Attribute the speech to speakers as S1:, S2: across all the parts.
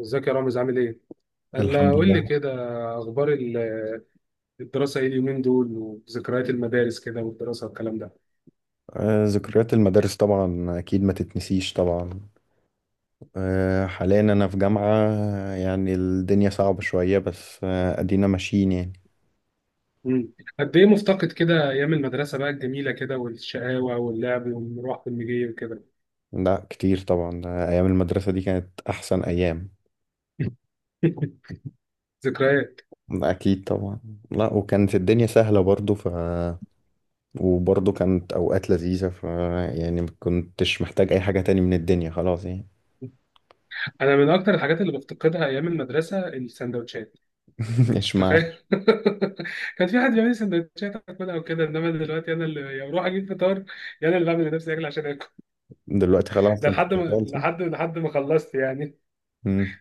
S1: ازيك يا رامز؟ عامل ايه؟ قال
S2: الحمد
S1: قول لي
S2: لله.
S1: كده. اخبار الدراسه ايه اليومين دول، وذكريات المدارس كده والدراسه والكلام ده.
S2: ذكريات المدارس طبعا أكيد ما تتنسيش طبعا. حاليا أنا في جامعة. يعني الدنيا صعبة شوية، بس أدينا ماشيين يعني.
S1: مم. قد ايه مفتقد كده ايام المدرسه بقى الجميله كده، والشقاوه واللعب والمروح والمجي وكده.
S2: لا، كتير طبعا. أيام المدرسة دي كانت أحسن أيام.
S1: ذكريات.
S2: أكيد طبعا. لا، وكانت الدنيا سهلة برضو وبرضو كانت أوقات لذيذة يعني ما كنتش محتاج أي حاجة تاني من الدنيا، خلاص يعني.
S1: انا من اكتر الحاجات اللي بفتقدها ايام المدرسه السندوتشات.
S2: إيش معنى؟
S1: تخيل. كان في حد بيعمل لي سندوتشات اكلها وكده، انما دلوقتي انا اللي يا بروح اجيب فطار، يا انا اللي بعمل لنفسي اكل عشان اكل.
S2: دلوقتي خلاص،
S1: ده
S2: أنت
S1: لحد ما
S2: شغال صح؟
S1: لحد لحد ما خلصت يعني.
S2: مم.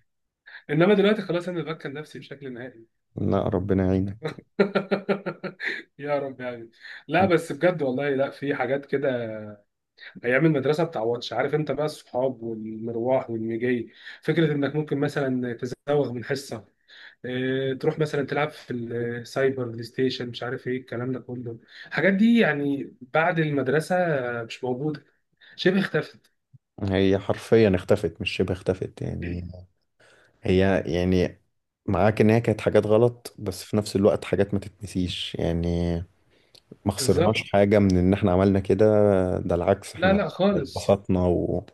S1: انما دلوقتي خلاص انا ببكر نفسي بشكل نهائي.
S2: لا، ربنا يعينك.
S1: يا رب يعني. لا بس بجد والله، لا في حاجات كده ايام المدرسه بتعوضش، عارف انت بقى الصحاب والمروح والمجي. فكره انك ممكن مثلا تزوغ من حصه، إيه، تروح مثلا تلعب في السايبر بلاي ستيشن، مش عارف ايه الكلام ده كله. الحاجات دي يعني بعد المدرسه مش موجوده، شبه اختفت.
S2: هي حرفيا اختفت، مش شبه اختفت يعني. هي يعني معاك ان هي كانت حاجات غلط، بس في نفس الوقت حاجات ما تتنسيش يعني. ما
S1: بالظبط.
S2: خسرناش حاجة من ان احنا عملنا كده. ده العكس،
S1: لا
S2: احنا
S1: لا خالص.
S2: اتبسطنا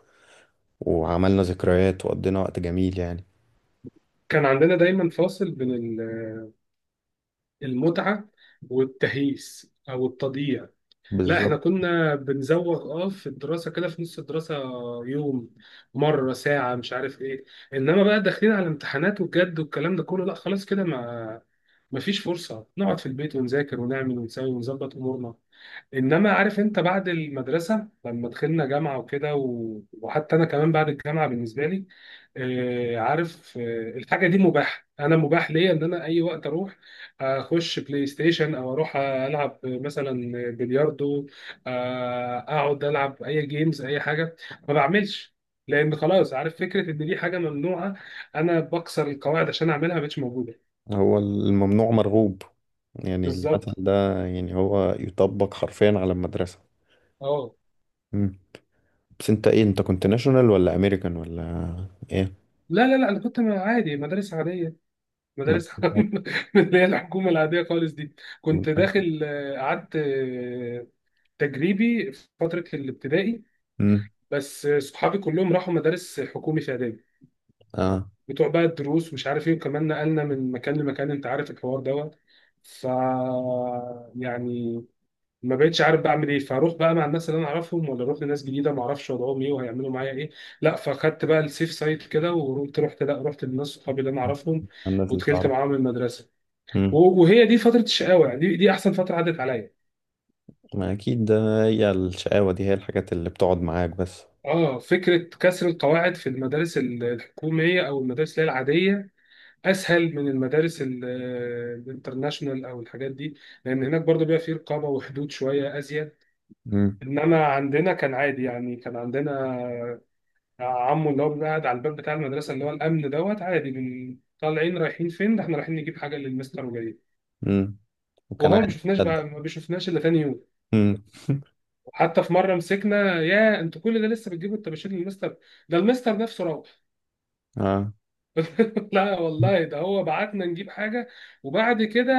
S2: وعملنا ذكريات وقضينا وقت جميل يعني.
S1: كان عندنا دايما فاصل بين المتعة والتهييس أو التضييع. لا احنا
S2: بالظبط.
S1: كنا بنزوغ في الدراسة كده في نص الدراسة، يوم، مرة، ساعة، مش عارف ايه. انما بقى داخلين على امتحانات وجد والكلام ده كله، لا خلاص كده ما، مفيش فرصة نقعد في البيت ونذاكر ونعمل ونسوي ونظبط أمورنا. انما عارف انت بعد المدرسه لما دخلنا جامعه وكده وحتى انا كمان بعد الجامعه بالنسبه لي، آه عارف، الحاجه دي مباحه، انا مباح ليا ان انا اي وقت اروح اخش بلاي ستيشن او اروح العب مثلا بلياردو، اقعد العب اي جيمز اي حاجه، ما بعملش. لان خلاص عارف فكره ان دي حاجه ممنوعه انا بكسر القواعد عشان اعملها ما بقتش موجوده.
S2: هو الممنوع مرغوب، يعني المثل
S1: بالظبط.
S2: ده. يعني هو يطبق حرفيا على المدرسة.
S1: اه.
S2: مم. بس انت كنت ناشونال ولا امريكان ولا ايه؟
S1: لا لا لا انا كنت عادي مدارس عاديه، مدارس.
S2: مدرسة-
S1: من اللي هي الحكومه العاديه خالص دي. كنت داخل، قعدت تجريبي في فتره الابتدائي.
S2: مم.
S1: بس صحابي كلهم راحوا مدارس حكومي في اعدادي،
S2: اه.
S1: بتوع بقى الدروس مش عارف ايه. وكمان نقلنا من مكان لمكان، انت عارف الحوار دوت. ف، يعني، ما بقتش عارف بعمل ايه، فاروح بقى مع الناس اللي انا اعرفهم، ولا اروح لناس جديده ما اعرفش وضعهم ايه وهيعملوا معايا ايه؟ لا، فخدت بقى السيف سايد كده ورحت، رحت لا رحت للناس صحابي اللي انا اعرفهم،
S2: الناس اللي
S1: ودخلت
S2: تعرف.
S1: معاهم المدرسه.
S2: امم.
S1: وهي دي فترة الشقاوة يعني، دي أحسن فترة عدت عليا.
S2: ما اكيد ده. هي الشقاوة دي، هي الحاجات اللي بتقعد معاك بس.
S1: اه، فكرة كسر القواعد في المدارس الحكومية أو المدارس اللي هي العادية أسهل من المدارس الانترناشونال أو الحاجات دي، لأن هناك برضو بيبقى فيه رقابة وحدود شوية أزيد.
S2: امم.
S1: إنما عندنا كان عادي يعني، كان عندنا عمو اللي هو بيبقى قاعد على الباب بتاع المدرسة، اللي هو الأمن دوت، عادي، من طالعين رايحين فين؟ ده احنا رايحين نجيب حاجة للمستر وجايين.
S2: امم. وكان
S1: وهو ما
S2: عادي
S1: بيشوفناش بقى
S2: تصدق؟
S1: ما بيشوفناش إلا تاني يوم.
S2: امم.
S1: وحتى في مره مسكنا: يا انتوا كل ده لسه بتجيبوا الطباشير للمستر؟ ده المستر نفسه روح.
S2: اه.
S1: لا والله ده هو بعتنا نجيب حاجه، وبعد كده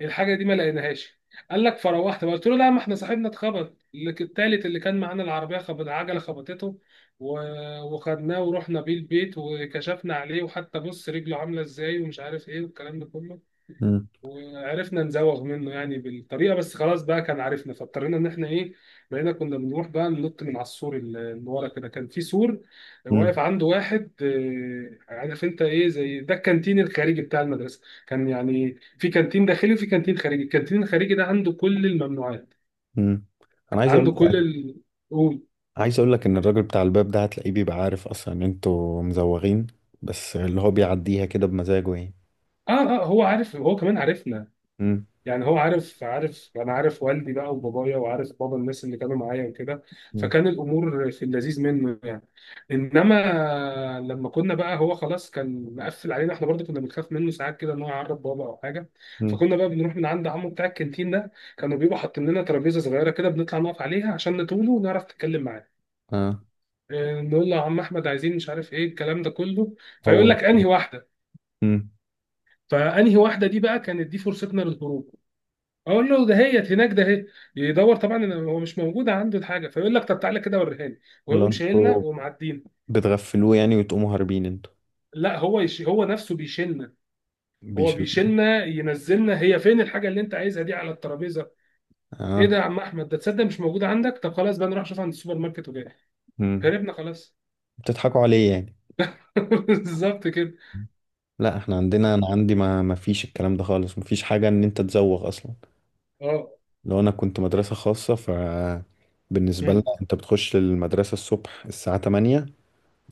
S1: الحاجه دي ما لقيناهاش. قال لك فروحت بقى. قلت له لا، ما احنا صاحبنا اتخبط، اللي التالت اللي كان معانا، العربيه خبط العجله خبطته، وخدناه ورحنا بيه البيت وكشفنا عليه، وحتى بص رجله عامله ازاي ومش عارف ايه والكلام ده كله.
S2: امم.
S1: وعرفنا نزوغ منه يعني بالطريقه، بس خلاص بقى كان عارفنا، فاضطرينا ان احنا ايه، بقينا كنا بنروح بقى ننط من على السور، اللي ورا كده كان في سور
S2: امم.
S1: واقف عنده واحد. عارف انت ايه زي ده، الكانتين الخارجي بتاع المدرسه. كان يعني في كانتين داخلي وفي كانتين خارجي، الكانتين الخارجي ده عنده كل الممنوعات.
S2: امم. انا عايز اقول
S1: عنده كل
S2: لك.
S1: قول.
S2: عايز اقول لك ان الراجل بتاع الباب ده، هتلاقيه بيبقى عارف اصلا ان انتوا مزوغين. بس اللي هو بيعديها كده بمزاجه يعني.
S1: اه. اه هو عارف، هو كمان عارفنا،
S2: امم.
S1: يعني هو عارف انا عارف والدي بقى وبابايا، وعارف بابا الناس اللي كانوا معايا وكده.
S2: امم.
S1: فكان الامور في اللذيذ منه يعني. انما لما كنا بقى، هو خلاص كان مقفل علينا، احنا برضه كنا بنخاف منه ساعات كده ان هو يعرض بابا او حاجه.
S2: امم.
S1: فكنا بقى بنروح من عند عمو بتاع الكانتين ده، كانوا بيبقوا حاطين لنا ترابيزه صغيره كده بنطلع نقف عليها عشان نطوله ونعرف نتكلم معاه.
S2: اه،
S1: إيه، نقول له يا عم احمد عايزين مش عارف ايه الكلام ده كله، فيقول
S2: هو.
S1: لك انهي واحده؟
S2: امم.
S1: فانهي واحده دي بقى كانت دي فرصتنا للهروب، اقول له ده هيت هناك ده هي. يدور طبعا إن هو مش موجود عنده الحاجه، فيقول لك طب تعالى كده وريها لي،
S2: اللي
S1: ويقوم شايلنا
S2: انتوا
S1: ومعدينا.
S2: بتغفلوه يعني، وتقوموا هاربين انتوا؟
S1: لا، هو هو نفسه بيشيلنا. هو
S2: بيشربوا.
S1: بيشيلنا ينزلنا، هي فين الحاجه اللي انت عايزها دي على الترابيزه؟ ايه
S2: اه.
S1: ده يا عم احمد، ده تصدق مش موجوده عندك، طب خلاص بقى نروح نشوف عند السوبر ماركت وجاي.
S2: امم.
S1: هربنا خلاص.
S2: بتضحكوا عليه يعني.
S1: بالظبط كده.
S2: لا، احنا عندنا انا عندي ما فيش الكلام ده خالص، ما فيش حاجه ان انت تزوغ اصلا.
S1: اه.
S2: لو انا كنت مدرسه خاصه بالنسبه لنا،
S1: مم.
S2: انت بتخش المدرسه الصبح الساعه 8.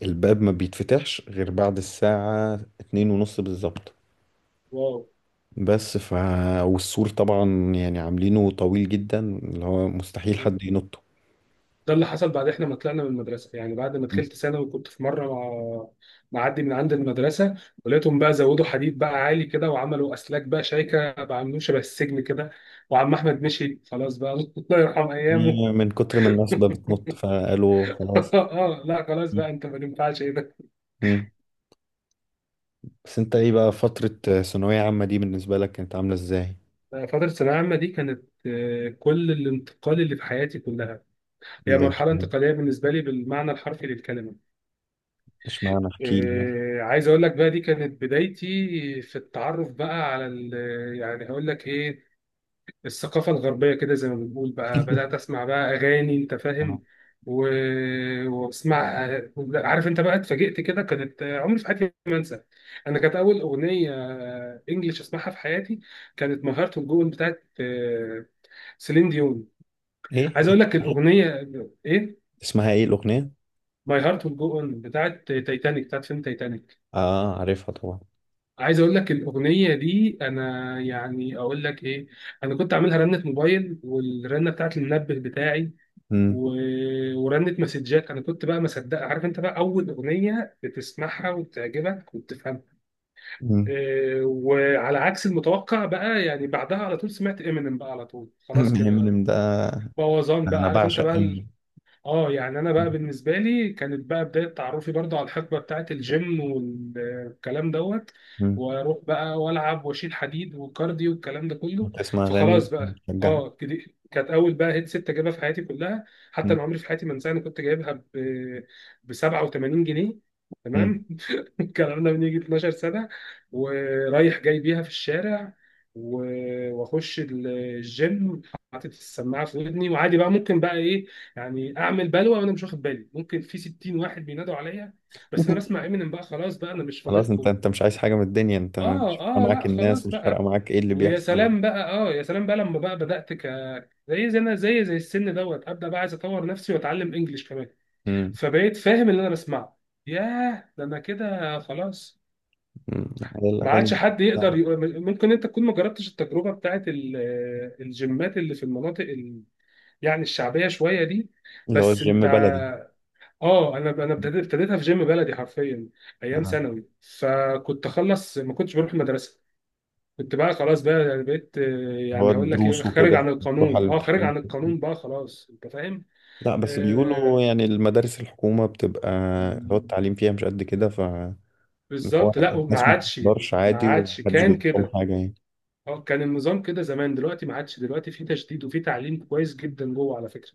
S2: الباب ما بيتفتحش غير بعد الساعه 2 ونص بالظبط.
S1: واو.
S2: بس والسور طبعا يعني عاملينه طويل جدا، اللي هو مستحيل حد ينطه.
S1: ده اللي حصل بعد احنا ما طلعنا من المدرسه يعني، بعد ما دخلت ثانوي كنت في مره مع، معدي من عند المدرسه، ولقيتهم بقى زودوا حديد بقى عالي كده، وعملوا اسلاك بقى شايكه بقى عاملين شبه السجن كده. وعم احمد مشي خلاص بقى. الله يرحم ايامه.
S2: من كتر ما الناس بقى بتنط، فقالوا خلاص.
S1: اه، لا خلاص بقى انت ما ينفعش ايه ده.
S2: مم. بس انت ايه بقى، فتره ثانويه عامه دي بالنسبه لك كانت عامله ازاي؟
S1: فتره ثانويه عامه دي كانت كل الانتقال اللي في حياتي كلها. هي
S2: ليه؟
S1: مرحله انتقاليه بالنسبه لي بالمعنى الحرفي للكلمه.
S2: اشمعنى، احكي لي.
S1: عايز اقول لك بقى دي كانت بدايتي في التعرف بقى على يعني هقول لك ايه، الثقافة الغربية كده زي ما بنقول. بقى بدأت أسمع بقى أغاني، أنت فاهم، و... وأسمع. عارف أنت بقى اتفاجئت كده، كانت عمري في حياتي ما أنسى، أنا كانت أول أغنية إنجليش أسمعها في حياتي كانت ماي هارت ويل جو بتاعت سيلين ديون.
S2: ايه؟
S1: عايز أقول لك الأغنية إيه؟
S2: اسمها ايه الاغنيه؟
S1: ماي هارت ويل جو أون بتاعت تايتانيك، بتاعت فيلم تايتانيك.
S2: اه، عارفها طبعا.
S1: عايز اقول لك الاغنيه دي انا يعني اقول لك ايه، انا كنت عاملها رنه موبايل، والرنه بتاعت المنبه بتاعي،
S2: امم.
S1: ورنت مسجات. انا كنت بقى مصدق، عارف انت بقى اول اغنيه بتسمعها وبتعجبك وبتفهمها.
S2: امم.
S1: إيه، وعلى عكس المتوقع بقى يعني بعدها على طول سمعت امينيم بقى على طول خلاص كده،
S2: امينيم ده؟
S1: بوظان
S2: انا
S1: بقى، عارف انت
S2: بعشق
S1: بقى.
S2: امينيم.
S1: اه يعني انا بقى بالنسبه لي كانت بقى بدايه تعرفي برضو على الحقبه بتاعه الجيم والكلام دوت،
S2: امم.
S1: واروح بقى والعب واشيل حديد وكارديو والكلام ده كله.
S2: تسمع اغاني
S1: فخلاص بقى
S2: بتشجعك؟
S1: اه كانت اول بقى هيدسيت اجيبها في حياتي كلها، حتى
S2: مم.
S1: انا عمري في حياتي ما انساها. انا كنت جايبها ب 87 جنيه.
S2: مم.
S1: تمام. الكلام ده من يجي 12 سنه. ورايح جاي بيها في الشارع، واخش الجيم حاطط السماعه في ودني، وعادي بقى ممكن بقى ايه، يعني اعمل بلوه وانا مش واخد بالي، ممكن في 60 واحد بينادوا عليا بس انا بسمع امينيم بقى، خلاص بقى انا مش
S2: خلاص، انت
S1: فاضلكم.
S2: انت مش عايز حاجه من الدنيا، انت
S1: اه.
S2: مش فارقه
S1: اه
S2: معاك
S1: لا
S2: الناس،
S1: خلاص
S2: مش فارقه
S1: بقى.
S2: معاك ايه اللي
S1: ويا
S2: بيحصل.
S1: سلام بقى، يا سلام بقى لما بقى بدات زي انا زي السن دوت ابدا بقى عايز اطور نفسي واتعلم انجليش كمان،
S2: امم.
S1: فبقيت فاهم اللي انا بسمعه، ياه ده انا كده خلاص،
S2: أمم. هي
S1: ما
S2: الاغاني
S1: عادش
S2: دي.
S1: حد يقدر يقول ممكن انت تكون ما جربتش التجربه بتاعت الجيمات اللي في المناطق يعني الشعبيه شويه دي.
S2: اللي هو
S1: بس انت،
S2: الجيم بلدي.
S1: اه انا ابتديتها في جيم بلدي حرفيا ايام
S2: آه.
S1: ثانوي، فكنت اخلص ما كنتش بروح المدرسه. كنت بقى خلاص بقى يعني بقيت،
S2: هو
S1: يعني هقول لك ايه،
S2: الدروس
S1: خارج
S2: وكده؟
S1: عن
S2: تروح على
S1: القانون.
S2: الامتحان.
S1: بقى خلاص انت فاهم.
S2: لا بس بيقولوا
S1: آه.
S2: يعني المدارس الحكومه بتبقى، اللي هو
S1: مم.
S2: التعليم فيها مش قد كده. إن هو
S1: بالظبط. لا وما
S2: الناس ما
S1: عادش،
S2: بتقدرش
S1: ما
S2: عادي
S1: عادش
S2: ومحدش
S1: كان
S2: بيقول لهم
S1: كده.
S2: حاجة يعني.
S1: اه كان النظام كده زمان، دلوقتي ما عادش، دلوقتي في تشديد وفي تعليم كويس جدا جوه على فكره.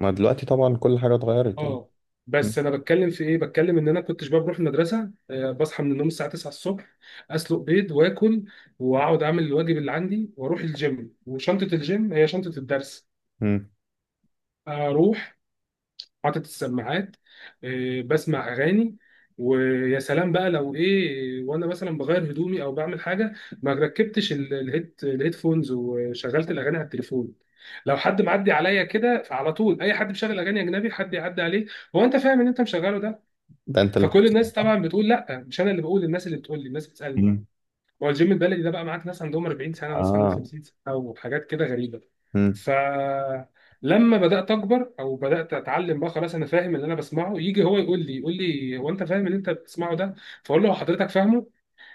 S2: ما دلوقتي طبعا كل حاجة اتغيرت يعني.
S1: اه،
S2: مم.
S1: بس انا بتكلم في ايه، بتكلم ان انا كنتش بقى بروح المدرسه. بصحى من النوم الساعه 9 الصبح، اسلق بيض واكل، واقعد اعمل الواجب اللي عندي، واروح الجيم. وشنطه الجيم هي شنطه الدرس.
S2: مم.
S1: اروح حاطط السماعات، بسمع اغاني. ويا سلام بقى لو ايه وانا مثلا بغير هدومي او بعمل حاجه، ما ركبتش الهيدفونز وشغلت الاغاني على التليفون، لو حد معدي عليا كده فعلى طول اي حد مشغل اغاني اجنبي حد يعدي عليه، هو انت فاهم ان انت مشغله ده؟
S2: ده انت اللي.
S1: فكل الناس طبعا بتقول، لا مش انا اللي بقول، الناس اللي بتقول لي، الناس بتسالني.
S2: مم.
S1: هو الجيم البلدي ده بقى معاك ناس عندهم 40 سنه، ناس عندهم
S2: اه.
S1: 50 سنه، او حاجات كده غريبه.
S2: مم.
S1: فلما بدات اكبر او بدات اتعلم بقى خلاص انا فاهم اللي انا بسمعه، يجي هو يقول لي، هو انت فاهم اللي انت بتسمعه ده؟ فاقول له هو حضرتك فاهمه؟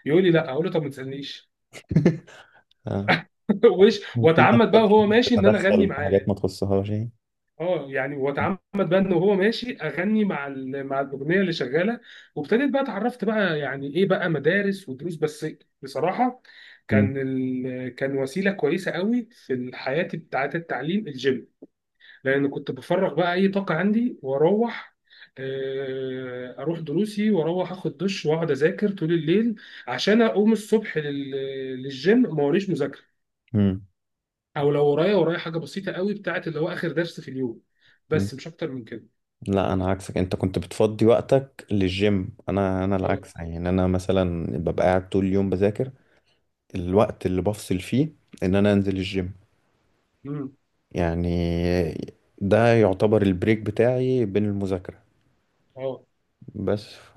S1: يقول لي لا، اقول له طب ما تسالنيش.
S2: اه. في ناس
S1: واتعمد بقى وهو
S2: بتحب
S1: ماشي ان انا اغني
S2: تتدخل في حاجات
S1: معاه.
S2: ما تخصهاش يعني.
S1: اه يعني واتعمد بقى ان هو ماشي اغني مع الاغنيه اللي شغاله. وابتديت بقى اتعرفت بقى يعني ايه بقى مدارس ودروس بس. بصراحه
S2: مم.
S1: كان كان وسيله كويسه قوي في حياتي بتاعت التعليم الجيم. لان كنت بفرغ بقى اي طاقه عندي واروح، اروح دروسي واروح اخد دش، واقعد اذاكر طول الليل عشان اقوم الصبح للجيم ما وريش مذاكره،
S2: مم.
S1: او لو ورايا حاجه بسيطه قوي بتاعت اللي هو اخر درس في اليوم،
S2: مم.
S1: بس مش اكتر من كده.
S2: لا، انا عكسك، انت كنت بتفضي وقتك للجيم، انا
S1: اه.
S2: العكس يعني، انا مثلا ببقى قاعد طول اليوم بذاكر. الوقت اللي بفصل فيه، ان انا انزل الجيم،
S1: امم.
S2: يعني، ده يعتبر البريك بتاعي بين المذاكرة.
S1: اه.
S2: بس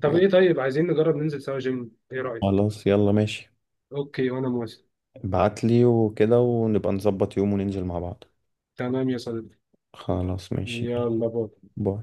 S1: طب ايه، طيب عايزين نجرب ننزل سوا جيم، ايه رأيك؟
S2: خلاص يلا ماشي.
S1: اوكي، وانا موافق.
S2: ابعتلي وكده ونبقى نظبط يوم وننزل مع بعض.
S1: تمام يا صديقي.
S2: خلاص، ماشي، يلا
S1: يلا باي.
S2: باي.